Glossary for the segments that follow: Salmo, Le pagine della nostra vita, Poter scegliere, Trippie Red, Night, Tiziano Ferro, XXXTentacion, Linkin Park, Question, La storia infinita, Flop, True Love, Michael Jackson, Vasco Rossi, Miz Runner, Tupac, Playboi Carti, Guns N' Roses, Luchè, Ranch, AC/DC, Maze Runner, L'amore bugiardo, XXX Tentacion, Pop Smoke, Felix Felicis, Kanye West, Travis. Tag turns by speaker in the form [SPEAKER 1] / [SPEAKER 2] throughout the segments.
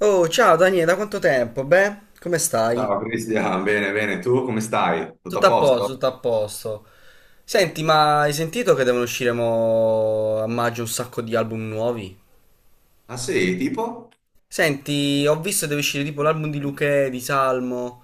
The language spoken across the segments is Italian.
[SPEAKER 1] Oh, ciao Daniele, da quanto tempo? Beh, come stai?
[SPEAKER 2] Ciao Cristian, bene, bene, tu come stai? Tutto a
[SPEAKER 1] Tutto a posto,
[SPEAKER 2] posto?
[SPEAKER 1] tutto a posto. Senti, ma hai sentito che devono uscire mo a maggio un sacco di album nuovi?
[SPEAKER 2] Ah sì, tipo?
[SPEAKER 1] Senti, ho visto che deve uscire tipo l'album di Luchè, di Salmo,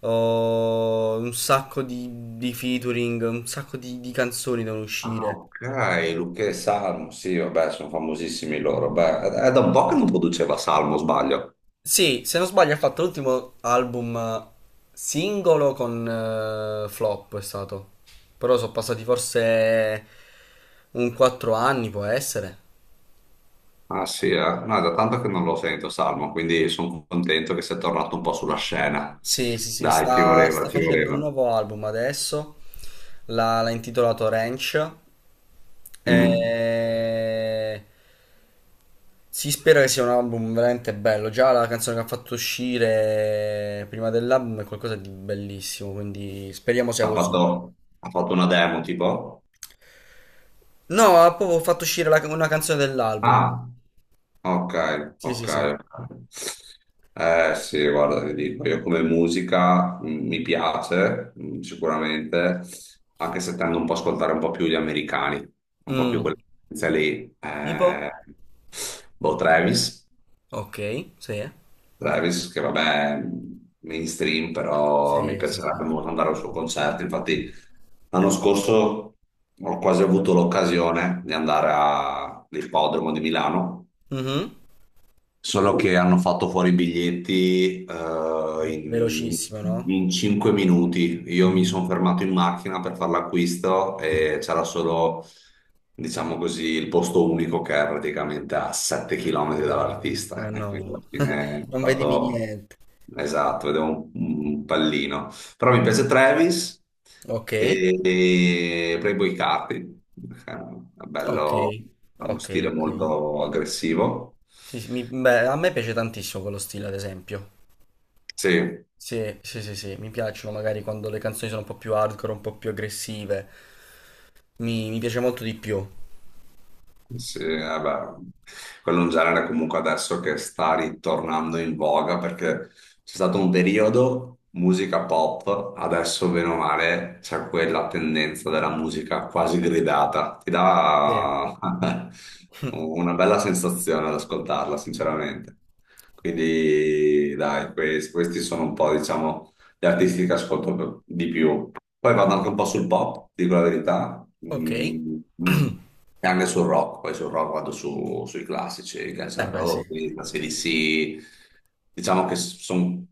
[SPEAKER 1] oh, un sacco di, featuring, un sacco di canzoni devono
[SPEAKER 2] Ah
[SPEAKER 1] uscire.
[SPEAKER 2] ok, Luca e Salmo, sì, vabbè, sono famosissimi loro. Beh, è da un po' che non produceva Salmo, sbaglio.
[SPEAKER 1] Sì, se non sbaglio ha fatto l'ultimo album singolo con Flop è stato. Però sono passati forse un 4 anni, può essere.
[SPEAKER 2] Ah sì, eh? No, è da tanto che non lo sento Salmo, quindi sono contento che sia tornato un po' sulla scena.
[SPEAKER 1] Sì, sì, sì,
[SPEAKER 2] Dai, ci
[SPEAKER 1] sta,
[SPEAKER 2] voleva,
[SPEAKER 1] sta
[SPEAKER 2] ci
[SPEAKER 1] facendo un
[SPEAKER 2] voleva.
[SPEAKER 1] nuovo album adesso. L'ha intitolato Ranch.
[SPEAKER 2] Mhm.
[SPEAKER 1] E... Si spera che sia un album veramente bello. Già la canzone che ha fatto uscire prima dell'album è qualcosa di bellissimo, quindi speriamo sia
[SPEAKER 2] Ha
[SPEAKER 1] così.
[SPEAKER 2] fatto, ha fatto una demo, tipo?
[SPEAKER 1] No, ha proprio fatto uscire una canzone dell'album.
[SPEAKER 2] Ah. Ok,
[SPEAKER 1] Sì, sì,
[SPEAKER 2] ok.
[SPEAKER 1] sì.
[SPEAKER 2] Eh sì, guarda, ti dico, io come musica mi piace sicuramente, anche se tendo un po' a ascoltare un po' più gli americani, un po' più
[SPEAKER 1] Mm.
[SPEAKER 2] quella tendenza lì.
[SPEAKER 1] Tipo?
[SPEAKER 2] Boh, Travis,
[SPEAKER 1] Ok, sì.
[SPEAKER 2] Travis, che vabbè, è mainstream, però mi
[SPEAKER 1] Sì, sì,
[SPEAKER 2] piacerebbe
[SPEAKER 1] sì.
[SPEAKER 2] molto andare al suo concerto. Infatti, l'anno scorso ho quasi avuto l'occasione di andare all'ippodromo di Milano.
[SPEAKER 1] Mhm.
[SPEAKER 2] Solo che hanno fatto fuori i biglietti in,
[SPEAKER 1] Velocissimo, no?
[SPEAKER 2] in 5 minuti. Io mi sono
[SPEAKER 1] Mm.
[SPEAKER 2] fermato in macchina per fare l'acquisto e c'era solo, diciamo così, il posto unico che è praticamente a 7 km dall'artista.
[SPEAKER 1] Eh
[SPEAKER 2] E
[SPEAKER 1] no,
[SPEAKER 2] quindi alla fine ho
[SPEAKER 1] non vedevi
[SPEAKER 2] dato...
[SPEAKER 1] niente.
[SPEAKER 2] Esatto, vedevo un pallino. Però mi piace Travis
[SPEAKER 1] Ok,
[SPEAKER 2] e Playboi Carti. È
[SPEAKER 1] ok,
[SPEAKER 2] bello, ha uno
[SPEAKER 1] ok,
[SPEAKER 2] stile
[SPEAKER 1] ok.
[SPEAKER 2] molto aggressivo.
[SPEAKER 1] Sì, sì, beh, a me piace tantissimo quello stile, ad esempio.
[SPEAKER 2] Sì.
[SPEAKER 1] Sì, sì, sì, sì, mi piacciono magari quando le canzoni sono un po' più hardcore, un po' più aggressive. Mi piace molto di più.
[SPEAKER 2] Sì, vabbè. Quello è un genere comunque adesso che sta ritornando in voga perché c'è stato un periodo musica pop, adesso bene o male c'è quella tendenza della musica quasi gridata. Ti
[SPEAKER 1] Sì.
[SPEAKER 2] dà una bella sensazione ad ascoltarla, sinceramente. Quindi, dai, questi sono un po', diciamo gli artisti che ascolto per- di più. Poi vado anche un po' sul pop, dico la verità.
[SPEAKER 1] Ok. Eh
[SPEAKER 2] Mm, mm. E anche sul rock. Poi sul rock vado sui classici, Guns N'
[SPEAKER 1] beh, sì.
[SPEAKER 2] Roses, AC/DC. Diciamo che sono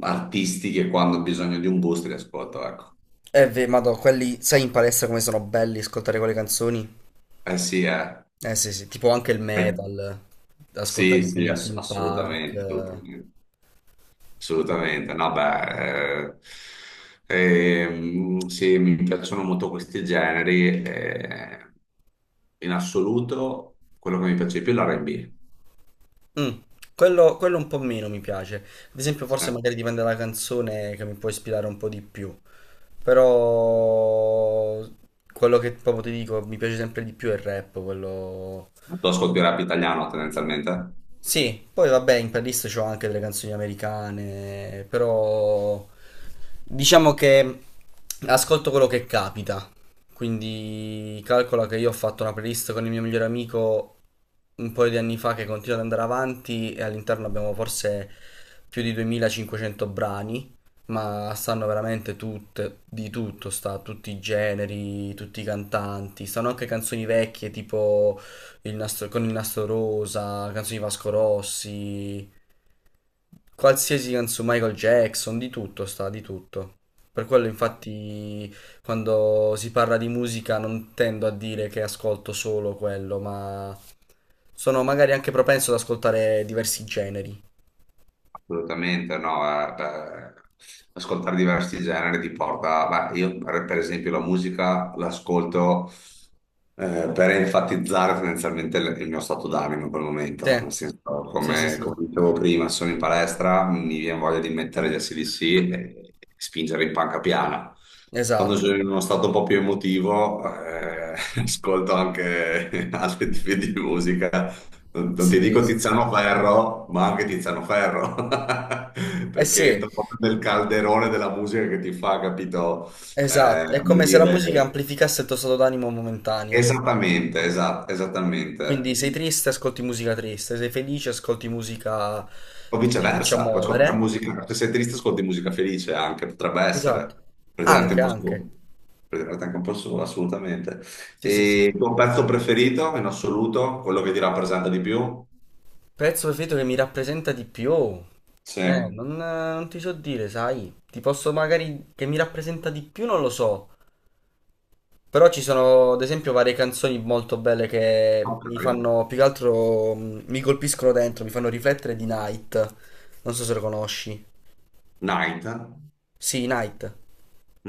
[SPEAKER 2] artisti che quando ho bisogno di un boost li ascolto, ecco.
[SPEAKER 1] Madò, quelli, sai in palestra come sono belli ascoltare quelle canzoni?
[SPEAKER 2] Eh sì, eh.
[SPEAKER 1] Eh sì, sì, tipo anche il
[SPEAKER 2] Eh,
[SPEAKER 1] metal, ascoltare
[SPEAKER 2] sì,
[SPEAKER 1] tipo
[SPEAKER 2] sì, ass-
[SPEAKER 1] Linkin Park.
[SPEAKER 2] assolutamente, assolutamente. Assolutamente, no, beh, sì, mi piacciono molto questi generi. In assoluto, quello che mi piace di più è l'R&B.
[SPEAKER 1] Mm, quello un po' meno mi piace. Ad esempio, forse
[SPEAKER 2] Eh,
[SPEAKER 1] magari dipende dalla canzone che mi può ispirare un po' di più. Però quello che proprio ti dico mi piace sempre di più è il rap, quello.
[SPEAKER 2] Tu ascolti rap italiano tendenzialmente?
[SPEAKER 1] Sì, poi vabbè, in playlist c'ho anche delle canzoni americane, però diciamo che ascolto quello che capita. Quindi calcola che io ho fatto una playlist con il mio migliore amico un paio di anni fa che continua ad andare avanti e all'interno abbiamo forse più di 2500 brani, ma stanno veramente tutte, di tutto, sta tutti i generi, tutti i cantanti, stanno anche canzoni vecchie tipo con il nastro rosa, canzoni di Vasco Rossi, qualsiasi canzone, Michael Jackson, di tutto sta, di tutto. Per quello infatti quando si parla di musica non tendo a dire che ascolto solo quello, ma sono magari anche propenso ad ascoltare diversi generi.
[SPEAKER 2] Assolutamente no, beh, ascoltare diversi generi ti porta, beh, io per esempio la musica l'ascolto per enfatizzare tendenzialmente il mio stato d'animo in quel momento, nel senso,
[SPEAKER 1] Sì, sì, sì,
[SPEAKER 2] come,
[SPEAKER 1] sì.
[SPEAKER 2] come dicevo prima, sono in palestra, mi viene voglia di mettere gli ac e spingere in panca piana. Quando sono
[SPEAKER 1] Esatto.
[SPEAKER 2] in uno stato un po' più emotivo, ascolto anche altri tipi di musica non ti
[SPEAKER 1] Sì,
[SPEAKER 2] dico
[SPEAKER 1] sì, sì.
[SPEAKER 2] Tiziano Ferro, ma anche Tiziano Ferro,
[SPEAKER 1] Eh
[SPEAKER 2] perché
[SPEAKER 1] sì,
[SPEAKER 2] entra proprio nel calderone della musica che ti fa, capito?
[SPEAKER 1] esatto, è
[SPEAKER 2] Come
[SPEAKER 1] come se la musica
[SPEAKER 2] dire,
[SPEAKER 1] amplificasse il tuo stato d'animo momentaneo.
[SPEAKER 2] esattamente, esattamente.
[SPEAKER 1] Quindi sei
[SPEAKER 2] Mm.
[SPEAKER 1] triste, ascolti musica triste, sei felice, ascolti musica
[SPEAKER 2] O
[SPEAKER 1] che ti faccia
[SPEAKER 2] viceversa, puoi ascoltare
[SPEAKER 1] muovere.
[SPEAKER 2] musica, se sei triste ascolti musica felice anche, potrebbe
[SPEAKER 1] Esatto.
[SPEAKER 2] essere, per tirarti un
[SPEAKER 1] Anche,
[SPEAKER 2] po'
[SPEAKER 1] anche.
[SPEAKER 2] su, per tirarti anche un po' su, assolutamente.
[SPEAKER 1] Sì, sì,
[SPEAKER 2] E
[SPEAKER 1] sì.
[SPEAKER 2] il tuo pezzo preferito in assoluto, quello che ti rappresenta di più?
[SPEAKER 1] Pezzo preferito che mi rappresenta di più.
[SPEAKER 2] Sì.
[SPEAKER 1] Non ti so dire, sai. Ti posso magari che mi rappresenta di più, non lo so. Però ci sono, ad esempio, varie canzoni molto belle che
[SPEAKER 2] Ok.
[SPEAKER 1] mi fanno, più che altro, mi colpiscono dentro, mi fanno riflettere di Night. Non so se lo conosci.
[SPEAKER 2] Night?
[SPEAKER 1] Sì, Night.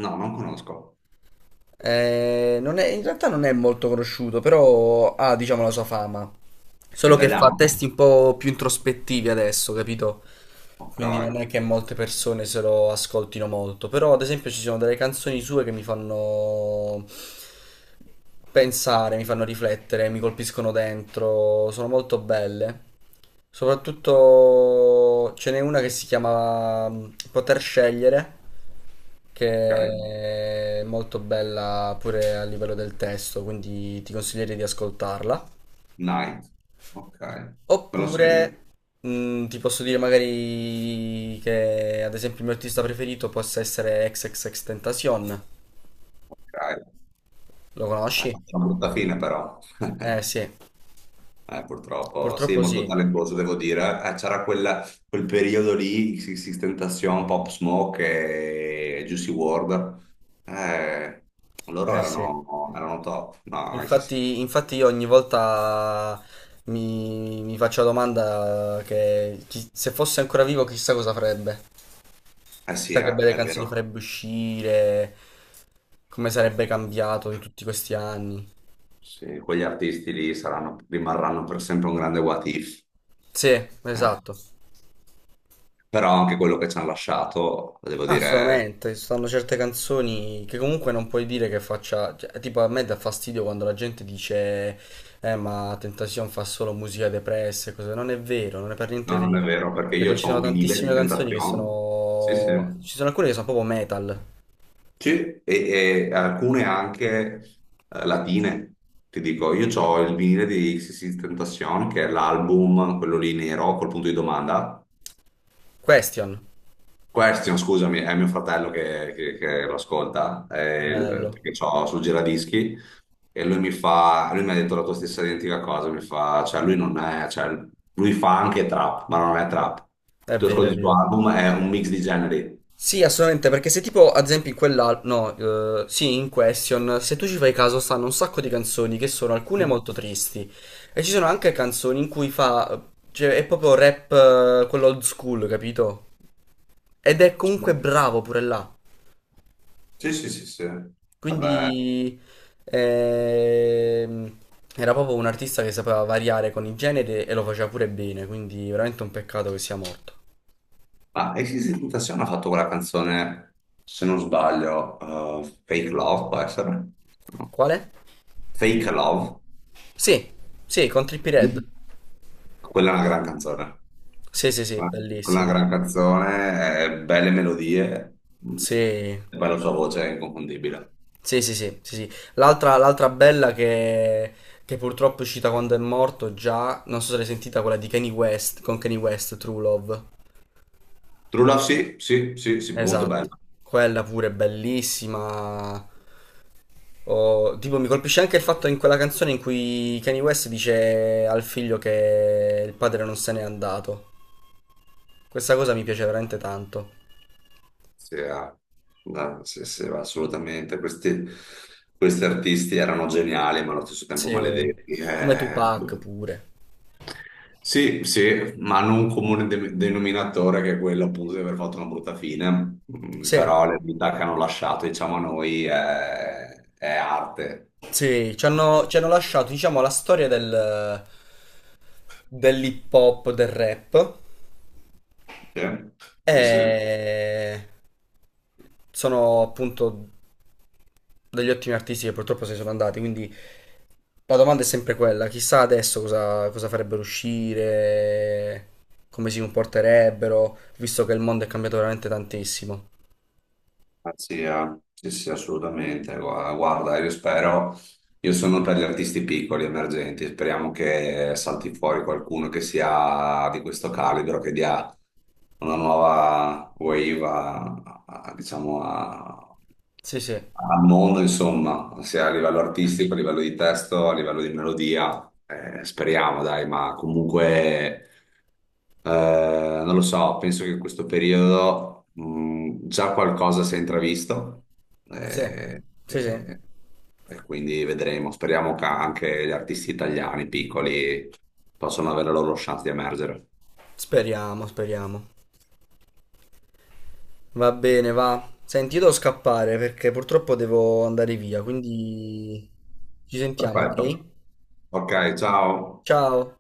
[SPEAKER 2] No, non conosco.
[SPEAKER 1] Non è- in realtà non è molto conosciuto, però ha, diciamo, la sua fama.
[SPEAKER 2] È
[SPEAKER 1] Solo che fa testi
[SPEAKER 2] italiano?
[SPEAKER 1] un po' più introspettivi adesso, capito?
[SPEAKER 2] Ok,
[SPEAKER 1] Quindi non è che molte persone se lo ascoltino molto. Però, ad esempio, ci sono delle canzoni sue che mi fanno pensare, mi fanno riflettere, mi colpiscono dentro, sono molto belle. Soprattutto ce n'è una che si chiama Poter scegliere,
[SPEAKER 2] ok.
[SPEAKER 1] che è molto bella pure a livello del testo, quindi ti consiglierei di ascoltarla.
[SPEAKER 2] Night. Ok, me lo segno.
[SPEAKER 1] Oppure ti posso dire magari che ad esempio il mio artista preferito possa essere XXXTentacion.
[SPEAKER 2] Ok.
[SPEAKER 1] Lo
[SPEAKER 2] Eh,
[SPEAKER 1] conosci?
[SPEAKER 2] Una brutta fine però.
[SPEAKER 1] Eh sì,
[SPEAKER 2] Purtroppo, sì,
[SPEAKER 1] purtroppo
[SPEAKER 2] molto
[SPEAKER 1] sì.
[SPEAKER 2] talentuoso devo dire. C'era quel periodo lì, Six Tentacion, Pop Smoke e Juicy WRLD. Eh, loro
[SPEAKER 1] Eh sì.
[SPEAKER 2] erano top. No, sì, sì.
[SPEAKER 1] Infatti io ogni volta mi faccio la domanda che se fosse ancora vivo chissà cosa farebbe,
[SPEAKER 2] Eh sì,
[SPEAKER 1] chissà che belle
[SPEAKER 2] è
[SPEAKER 1] canzoni
[SPEAKER 2] vero.
[SPEAKER 1] farebbe uscire, come sarebbe cambiato in tutti questi anni.
[SPEAKER 2] Sì, quegli artisti lì rimarranno per sempre un grande what if.
[SPEAKER 1] Sì,
[SPEAKER 2] Eh.
[SPEAKER 1] esatto.
[SPEAKER 2] Però anche quello che ci hanno lasciato, devo dire,
[SPEAKER 1] Assolutamente, ci sono certe canzoni che comunque non puoi dire che faccia, cioè, tipo a me dà fastidio quando la gente dice ma Tentacion fa solo musica depressa e cose, non è vero, non è per niente
[SPEAKER 2] no, non è
[SPEAKER 1] vero,
[SPEAKER 2] vero, perché io
[SPEAKER 1] perché ci
[SPEAKER 2] ho
[SPEAKER 1] sono
[SPEAKER 2] un vinile di
[SPEAKER 1] tantissime canzoni che
[SPEAKER 2] Tentacion, sì, sì,
[SPEAKER 1] sono, ci sono alcune che sono proprio metal.
[SPEAKER 2] sì, e alcune anche latine, ti dico, io ho il vinile di XXX Tentacion, che è l'album, quello lì nero, col punto di domanda,
[SPEAKER 1] Question,
[SPEAKER 2] Question, scusami, è mio fratello che lo ascolta,
[SPEAKER 1] bello,
[SPEAKER 2] perché ho sul giradischi e lui mi fa, lui mi ha detto la tua stessa identica cosa, mi fa, cioè lui non è, cioè, lui fa anche trap, ma non è trap. Se
[SPEAKER 1] è
[SPEAKER 2] tu
[SPEAKER 1] vero, è
[SPEAKER 2] ascolti il suo
[SPEAKER 1] vero.
[SPEAKER 2] album è un mix di generi.
[SPEAKER 1] Sì, assolutamente, perché se tipo, ad esempio, in quella, no, sì, in Question, se tu ci fai caso, stanno un sacco di canzoni che sono alcune molto tristi e ci sono anche canzoni in cui fa, cioè, è proprio rap, quello old school, capito? Ed è comunque bravo pure là.
[SPEAKER 2] Sì, sì, sì, sì. Vabbè,
[SPEAKER 1] Quindi, ehm, era proprio un artista che sapeva variare con i generi e lo faceva pure bene, quindi veramente un peccato che sia morto.
[SPEAKER 2] ma Exit Tentazione ha fatto quella canzone, se non sbaglio, Fake Love, può essere? No.
[SPEAKER 1] Quale?
[SPEAKER 2] Fake Love,
[SPEAKER 1] Sì, sì, con Trippie Red.
[SPEAKER 2] quella è una gran canzone.
[SPEAKER 1] Sì, sì, sì,
[SPEAKER 2] Una
[SPEAKER 1] bellissima.
[SPEAKER 2] gran canzone, belle melodie, mm,
[SPEAKER 1] Sì,
[SPEAKER 2] e poi la sua voce è inconfondibile.
[SPEAKER 1] sì, sì, sì, sì, sì. L'altra bella che purtroppo è uscita quando è morto già, non so se l'hai sentita, quella di Kanye West, con Kanye West, True Love.
[SPEAKER 2] True Love, sì, sì, sì, sì, molto bella.
[SPEAKER 1] Esatto, quella pure è bellissima. Oh, tipo, mi colpisce anche il fatto in quella canzone in cui Kanye West dice al figlio che il padre non se n'è andato. Questa cosa mi piace veramente tanto.
[SPEAKER 2] Sì, ah, no, sì, sì, assolutamente. Questi artisti erano geniali, ma allo stesso tempo
[SPEAKER 1] Sì,
[SPEAKER 2] maledetti.
[SPEAKER 1] come Tupac pure.
[SPEAKER 2] Sì, sì, ma hanno un comune denominatore che è quello appunto di aver fatto una brutta fine. Mm.
[SPEAKER 1] Sì.
[SPEAKER 2] Però le vita che hanno lasciato, diciamo, a noi è arte.
[SPEAKER 1] Sì, ci hanno lasciato, diciamo, la storia dell'hip hop, del rap.
[SPEAKER 2] Sì, sì, sì.
[SPEAKER 1] E sono appunto degli ottimi artisti che purtroppo se ne sono andati. Quindi la domanda è sempre quella: chissà adesso cosa farebbero uscire, come si comporterebbero, visto che il mondo è cambiato veramente tantissimo.
[SPEAKER 2] Anzi, sì, sì, assolutamente. Guarda, io spero, io sono per gli artisti piccoli, emergenti, speriamo che salti fuori qualcuno che sia di questo calibro, che dia una nuova wave diciamo,
[SPEAKER 1] Sì, sì,
[SPEAKER 2] al mondo, insomma, sia a livello artistico, a livello di testo, a livello di melodia. Speriamo, dai, ma comunque... Eh, non lo so, penso che in questo periodo già qualcosa si è intravisto
[SPEAKER 1] sì,
[SPEAKER 2] eh,
[SPEAKER 1] sì, sì.
[SPEAKER 2] eh, e quindi vedremo. Speriamo che anche gli artisti italiani piccoli possano avere la loro chance di emergere.
[SPEAKER 1] Speriamo, speriamo. Va bene, va. Senti, io devo scappare perché purtroppo devo andare via, quindi ci sentiamo, ok?
[SPEAKER 2] Perfetto. Ok, ciao.
[SPEAKER 1] Ciao.